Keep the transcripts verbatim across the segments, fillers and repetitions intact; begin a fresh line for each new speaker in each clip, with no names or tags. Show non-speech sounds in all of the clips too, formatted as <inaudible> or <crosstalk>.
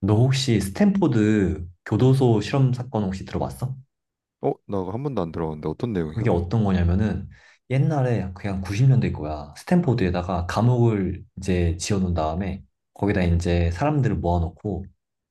너 혹시 스탠포드 교도소 실험 사건 혹시 들어봤어?
어, 나 한 번도 안 들어봤는데 어떤 내용이야?
그게 어떤 거냐면은 옛날에 그냥 구십 년대 거야. 스탠포드에다가 감옥을 이제 지어놓은 다음에 거기다 이제 사람들을 모아놓고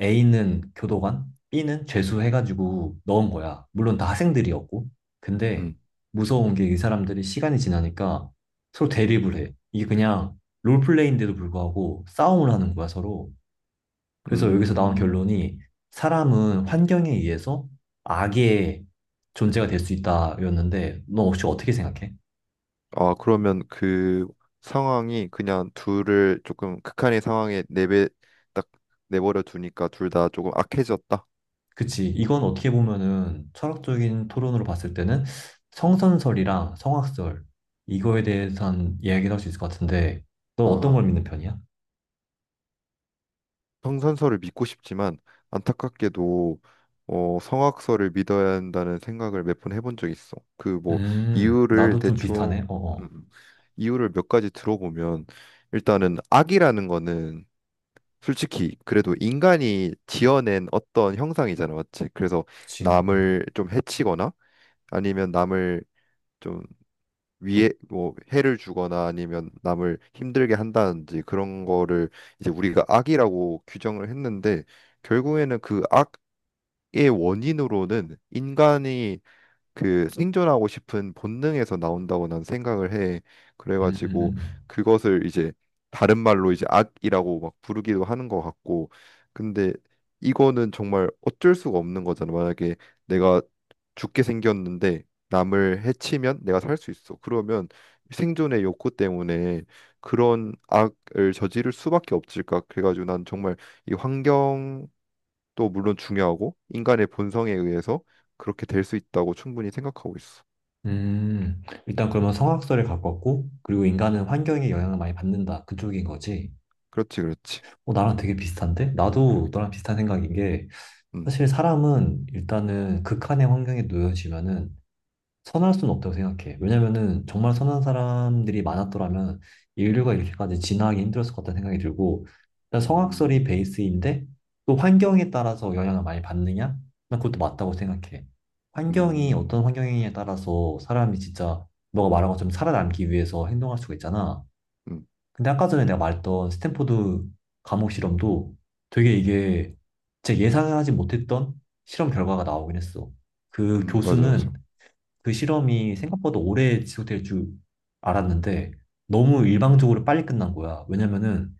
A는 교도관, B는 죄수 해가지고 넣은 거야. 물론 다 학생들이었고. 근데
음.
무서운 게 이 사람들이 시간이 지나니까 서로 대립을 해. 이게 그냥 롤플레이인데도 불구하고 싸움을 하는 거야, 서로. 그래서 여기서 나온
음.
결론이 사람은 환경에 의해서 악의 존재가 될 수 있다였는데 너 혹시 어떻게 생각해?
아, 그러면 그 상황이 그냥 둘을 조금 극한의 상황에 내배 딱 내버려 두니까 둘 다 조금 악해졌다.
그치. 이건 어떻게 보면은 철학적인 토론으로 봤을 때는
음.
성선설이랑 성악설 이거에 대해선 이야기를 할 수 있을 것 같은데 너 어떤
아,
걸 믿는 편이야?
성선설을 믿고 싶지만 안타깝게도 어, 성악설을 믿어야 한다는 생각을 몇 번 해본 적 있어. 그 뭐
음,
이유를
나도 좀
대충
비슷하네. 어어.
음, 이유를 몇 가지 들어보면 일단은 악이라는 거는 솔직히 그래도 인간이 지어낸 어떤 형상이잖아, 맞지? 그래서
그치. 음,
남을 좀 해치거나 아니면 남을 좀 위해 뭐 해를 주거나 아니면 남을 힘들게 한다든지 그런 거를 이제 우리가 악이라고 규정을 했는데 결국에는 그 악의 원인으로는 인간이 그 생존하고 싶은 본능에서 나온다고 난 생각을 해.
음, 음,
그래가지고
음.
그것을 이제 다른 말로 이제 악이라고 막 부르기도 하는 것 같고. 근데 이거는 정말 어쩔 수가 없는 거잖아. 만약에 내가 죽게 생겼는데 남을 해치면 내가 살 수 있어. 그러면 생존의 욕구 때문에 그런 악을 저지를 수밖에 없을까. 그래가지고 난 정말 이 환경 또 물론 중요하고 인간의 본성에 의해서 그렇게 될 수 있다고 충분히 생각하고 있어.
음, 음. 일단 그러면 성악설에 가깝고 그리고 인간은 환경의 영향을 많이 받는다. 그쪽인 거지.
그렇지, 그렇지.
어, 나랑 되게 비슷한데? 나도 너랑 비슷한 생각인 게,
음.
사실 사람은 일단은 극한의 환경에 놓여지면은 선할 수는 없다고 생각해. 왜냐면은 정말 선한 사람들이 많았더라면 인류가 이렇게까지 진화하기 힘들었을 것 같다는 생각이 들고, 일단 성악설이
음.
베이스인데, 또 환경에 따라서 영향을 많이 받느냐? 난 그것도 맞다고 생각해. 환경이
음.
어떤 환경이냐에 따라서 사람이 진짜 너가 말한 것처럼 살아남기 위해서 행동할 수가 있잖아.
음.
근데 아까 전에 내가 말했던 스탠포드 감옥 실험도 되게 이게 제 예상하지 못했던 실험 결과가 나오긴 했어. 그
음. 맞아,
교수는
맞아.
그 실험이 생각보다 오래 지속될 줄 알았는데 너무 일방적으로 빨리 끝난 거야. 왜냐면은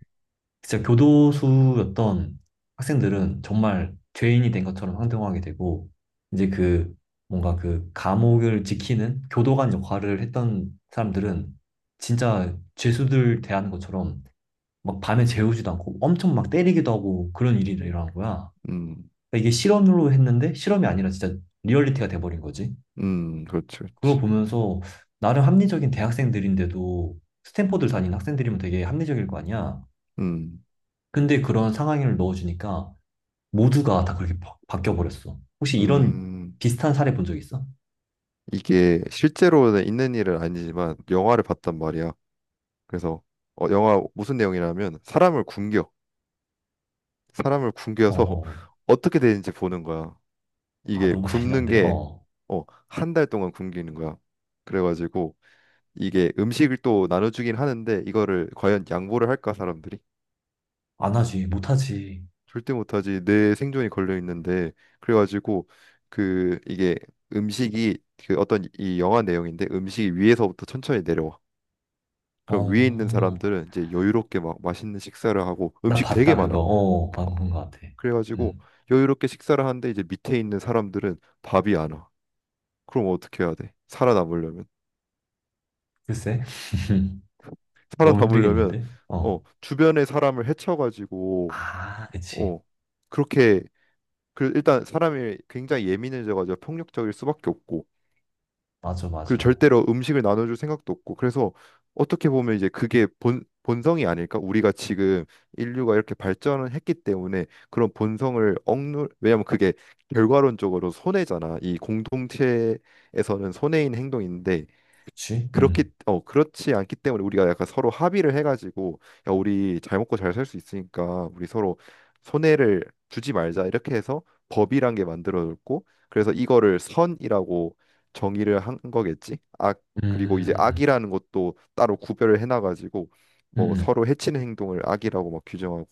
진짜 교도소였던 학생들은 정말 죄인이 된 것처럼 행동하게 되고 이제 그 뭔가 그 감옥을 지키는 교도관 역할을 했던 사람들은 진짜 죄수들 대하는 것처럼 막 밤에 재우지도 않고 엄청 막 때리기도 하고 그런 일이 일어난 거야.
음.
그러니까 이게 실험으로 했는데 실험이 아니라 진짜 리얼리티가 돼버린 거지.
음. 그렇지,
그걸
그렇지.
보면서 나름 합리적인 대학생들인데도 스탠퍼드를 다니는 학생들이면 되게 합리적일 거 아니야.
음.
근데 그런 상황을 넣어주니까 모두가 다 그렇게 바, 바뀌어버렸어. 혹시 이런
음.
비슷한 사례 본 적 있어?
이게 실제로는 있는 일은 아니지만 영화를 봤단 말이야. 그래서 어, 영화 무슨 내용이냐면 사람을 굶겨, 사람을
어, 어.
굶겨서
어.
<laughs> 어떻게 되는지 보는 거야.
아,
이게
너무
굶는
잔인한데?
게
어.
어, 한 달 동안 굶기는 거야. 그래가지고 이게 음식을 또 나눠주긴 하는데 이거를 과연 양보를 할까 사람들이?
안 하지, 못 하지.
절대 못하지. 내 생존이 걸려 있는데 그래가지고 그 이게 음식이 그 어떤 이 영화 내용인데 음식이 위에서부터 천천히 내려와. 그럼 위에 있는
어,
사람들은 이제 여유롭게 막 맛있는 식사를 하고
나
음식
봤다,
되게
그거.
많아.
어,
어.
방본 것 같아.
그래가지고
음,
여유롭게 식사를 하는데 이제 밑에 있는 사람들은 밥이 안 와. 그럼 어떻게 해야 돼? 살아남으려면
글쎄. <laughs> 너무
살아남으려면
힘들겠는데?
어
어.
주변의 사람을 해쳐가지고
아, 그치.
어, 그렇게 그 일단 사람이 굉장히 예민해져가지고 폭력적일 수밖에 없고
맞아,
그리고
맞아.
절대로 음식을 나눠줄 생각도 없고 그래서 어떻게 보면 이제 그게 본 본성이 아닐까? 우리가 지금 인류가 이렇게 발전을 했기 때문에 그런 본성을 억누 왜냐면 그게 결과론적으로 손해잖아. 이 공동체에서는 손해인 행동인데
그치?
그렇기
음.
어 그렇지 않기 때문에 우리가 약간 서로 합의를 해가지고 야 우리 잘 먹고 잘 살 수 있으니까 우리 서로 손해를 주지 말자 이렇게 해서 법이란 게 만들어졌고 그래서 이거를 선이라고 정의를 한 거겠지. 악 그리고 이제
음.
악이라는 것도 따로 구별을 해놔가지고
음.
뭐
음.
서로 해치는 행동을 악이라고 막 규정하고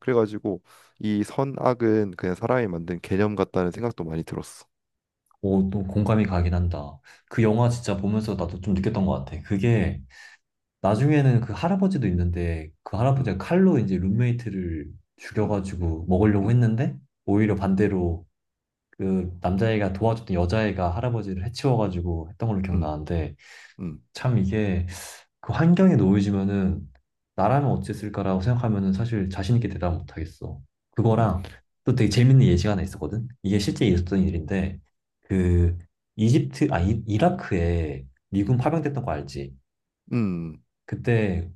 그래가지고 이 선악은 그냥 사람이 만든 개념 같다는 생각도 많이 들었어.
오, 또 공감이 가긴 한다. 그 영화 진짜 보면서 나도 좀 느꼈던 것 같아. 그게 나중에는 그 할아버지도 있는데 그
음.
할아버지가 칼로 이제 룸메이트를
음.
죽여가지고 먹으려고
음.
했는데 오히려 반대로 그 남자애가 도와줬던 여자애가 할아버지를 해치워가지고 했던 걸로
음.
기억나는데
음.
참 이게 그 환경에 놓여지면은 나라면 어땠을까라고 생각하면은 사실 자신 있게 대답 못 하겠어.
음.
그거랑 또 되게 재밌는 예시가 하나 있었거든. 이게 실제 있었던 일인데 그 이집트 아 이, 라크에 미군 파병됐던 거 알지?
음.
그때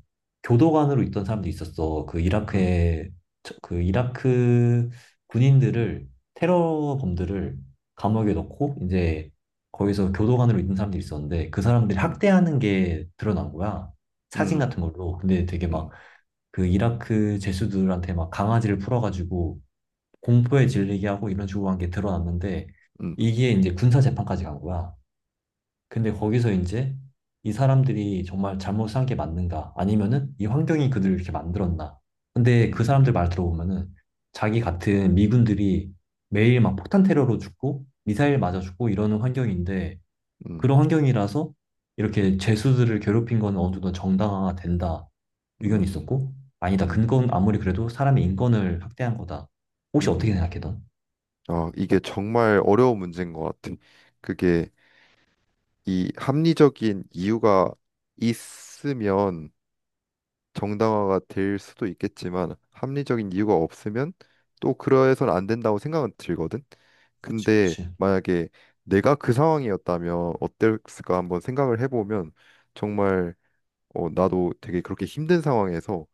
교도관으로 있던 사람도 있었어. 그
음.
이라크에 처- 그 이라크 군인들을 테러범들을 감옥에 넣고 이제 거기서 교도관으로 있던 사람들이 있었는데 그 사람들이
음.
학대하는 게 드러난 거야. 사진 같은
음.
걸로. 근데 되게 막
음.
그 이라크 죄수들한테 막 강아지를 풀어가지고 공포에 질리게 하고 이런 식으로 한 게 드러났는데
음.
이게 이제 군사 재판까지 간 거야. 근데 거기서 이제 이 사람들이 정말 잘못 산 게 맞는가? 아니면은 이 환경이 그들을 이렇게 만들었나? 근데
음.
그 사람들 말
음.
들어보면은 자기 같은 미군들이 매일 막 폭탄 테러로 죽고 미사일 맞아 죽고 이러는 환경인데
음.
그런 환경이라서 이렇게 죄수들을 괴롭힌 건 어느 정도 정당화가 된다 의견이
음.
있었고, 아니다
음.
그건 아무리 그래도 사람의 인권을 학대한 거다. 혹시
음.
어떻게
음.
생각해 넌?
아, 이게 정말 어려운 문제인 것 같아. 그게 이 합리적인 이유가 있으면 정당화가 될 수도 있겠지만 합리적인 이유가 없으면 또 그러해서는 안 된다고 생각은 들거든.
그치,
근데
그치.
만약에 내가 그 상황이었다면 어땠을까 한번 생각을 해보면 정말 어, 나도 되게 그렇게 힘든 상황에서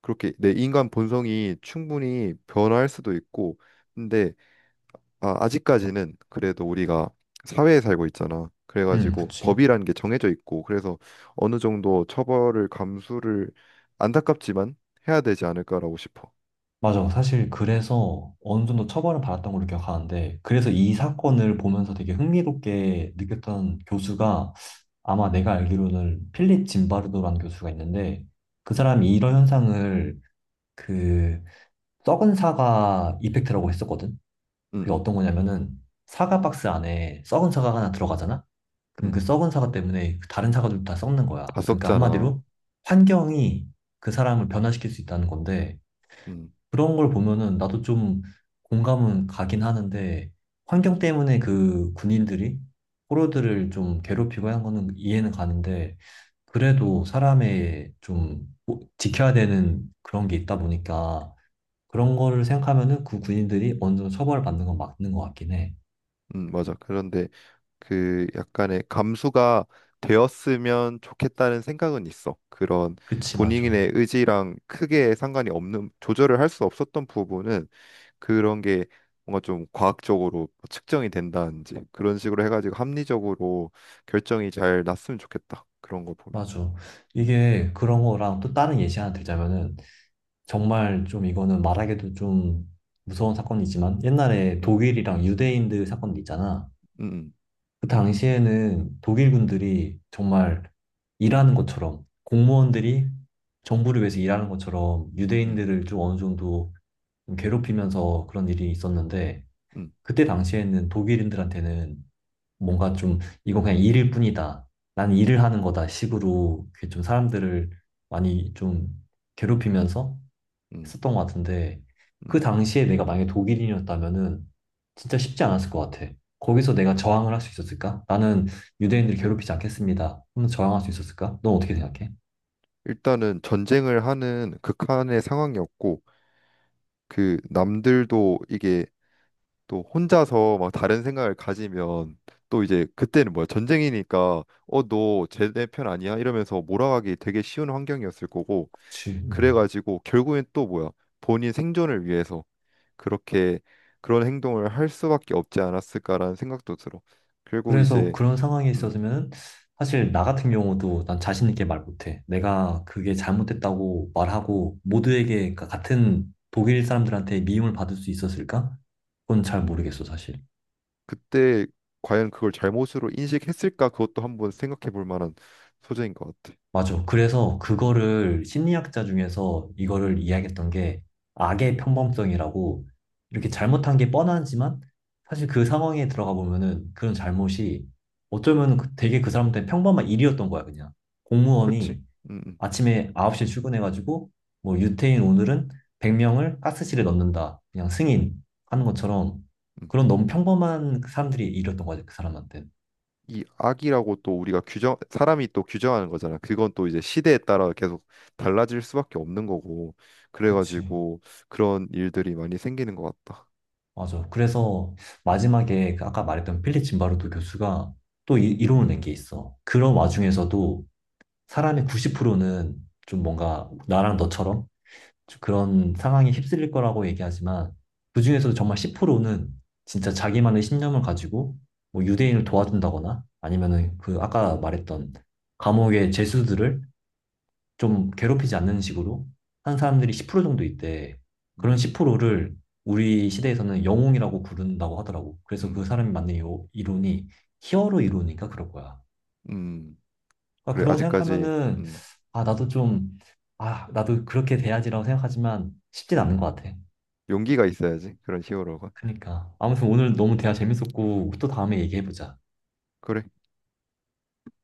그렇게 내 인간 본성이 충분히 변화할 수도 있고 근데 아, 아직까지는 그래도 우리가 사회에 살고 있잖아.
응,
그래가지고
그치.
법이라는 게 정해져 있고 그래서 어느 정도 처벌을 감수를 안타깝지만 해야 되지 않을까라고 싶어.
맞아. 사실 그래서 어느 정도 처벌을 받았던 걸로 기억하는데, 그래서 이
음.
사건을 보면서 되게 흥미롭게 느꼈던 교수가 아마 내가 알기로는 필립 짐바르도라는 교수가 있는데, 그
음.
사람이 이런 현상을 그 썩은 사과 이펙트라고 했었거든. 그게
음.
어떤 거냐면은 사과 박스 안에 썩은 사과가 하나 들어가잖아?
음.
그럼 그
음.
썩은 사과 때문에 그 다른 사과들도 다 썩는 거야.
다
그러니까
썩잖아.
한마디로 환경이 그 사람을 변화시킬 수 있다는 건데,
음.
그런 걸 보면은 나도 좀 공감은 가긴 하는데 환경 때문에 그 군인들이 포로들을 좀 괴롭히고 하는 거는 이해는 가는데 그래도 사람의 좀 뭐- 지켜야 되는 그런 게 있다 보니까 그런 거를 생각하면은 그 군인들이 어느 정도 처벌을 받는 건 맞는 것 같긴 해.
음. 맞아. 그런데 그 약간의 감수가 되었으면 좋겠다는 생각은 있어. 그런
그치, 맞아.
본인의 의지랑 크게 상관이 없는 조절을 할 수 없었던 부분은 그런 게 뭔가 좀 과학적으로 측정이 된다든지 그런 식으로 해가지고 합리적으로 결정이 잘 났으면 좋겠다. 그런 거 보면.
맞아. 이게 그런 거랑 또 다른 예시 하나 들자면은 정말 좀 이거는 말하기도 좀 무서운 사건이지만 옛날에
음.
독일이랑 유대인들 사건 있잖아.
음.
그 당시에는 독일 군들이 정말 일하는 것처럼 공무원들이 정부를 위해서 일하는 것처럼
음.
유대인들을 좀 어느 정도 좀 괴롭히면서 그런 일이 있었는데
음.
그때 당시에는 독일인들한테는 뭔가 좀 이건 그냥 일일 뿐이다. 난 일을 하는 거다 식으로 그게 좀 사람들을 많이 좀 괴롭히면서
음. 음.
했었던 것 같은데
음.
그 당시에 내가 만약에 독일인이었다면은 진짜 쉽지 않았을 것 같아. 거기서 내가 저항을 할 수 있었을까? 나는 유대인들을 괴롭히지 않겠습니다 하면 저항할 수 있었을까? 넌 어떻게 생각해?
일단은 전쟁을 하는 극한의 상황이었고 그 남들도 이게 또 혼자서 막 다른 생각을 가지면 또 이제 그때는 뭐야 전쟁이니까 어 너 쟤네 편 아니야 이러면서 몰아가기 되게 쉬운 환경이었을 거고
그치. 음.
그래가지고 결국엔 또 뭐야 본인 생존을 위해서 그렇게 그런 행동을 할 수밖에 없지 않았을까라는 생각도 들어. 결국
그래서
이제
그런 상황에
음
있었으면 사실 나 같은 경우도 난 자신 있게 말 못해. 내가 그게 잘못됐다고 말하고 모두에게, 그러니까 같은 독일 사람들한테 미움을 받을 수 있었을까? 그건 잘 모르겠어, 사실.
그때 과연 그걸 잘못으로 인식했을까 그것도 한번 생각해 볼 만한 소재인 것 같아.
맞아. 그래서 그거를 심리학자 중에서 이거를 이야기했던 게 악의 평범성이라고, 이렇게
음.
잘못한 게 뻔하지만 사실 그 상황에 들어가 보면은 그런 잘못이 어쩌면 그- 되게 그 사람한테 평범한 일이었던 거야, 그냥.
그렇지.
공무원이
음. 음.
아침에 아홉 시에 출근해가지고 뭐 유태인 오늘은 백 명을 가스실에 넣는다. 그냥 승인 하는 것처럼
음.
그런 너무 평범한 사람들이 일이었던 거지, 그 사람한테.
이 악이라고 또 우리가 규정 사람이 또 규정하는 거잖아. 그건 또 이제 시대에 따라 계속 달라질 수밖에 없는 거고
그치.
그래가지고 그런 일들이 많이 생기는 것 같다.
맞아. 그래서 마지막에 그 아까 말했던 필립 짐바르도 교수가 또 이,
음.
이론을 낸 게 있어. 그런 와중에서도 사람의 구십 퍼센트는 좀 뭔가 나랑 너처럼 좀 그런 상황에 휩쓸릴 거라고 얘기하지만 그중에서도 정말 십 퍼센트는 진짜 자기만의 신념을 가지고 뭐 유대인을 도와준다거나 아니면은 그 아까 말했던 감옥의 죄수들을 좀 괴롭히지 않는 식으로 한 사람들이 십 퍼센트 정도 있대. 그런
음.
십 퍼센트를 우리 시대에서는 영웅이라고 부른다고 하더라고. 그래서 그
음.
사람이 만든 요 이론이 히어로 이론이니까 그럴 거야.
음.
그러니까
그래
그런 거
아직까지
생각하면은
음.
아 나도 좀 아 나도 그렇게 돼야지라고 생각하지만 쉽진 않은
음.
것 같아.
용기가 있어야지 그런 히어로가.
그러니까 아무튼 오늘
음.
너무 대화 재밌었고 또 다음에 얘기해보자.
그래.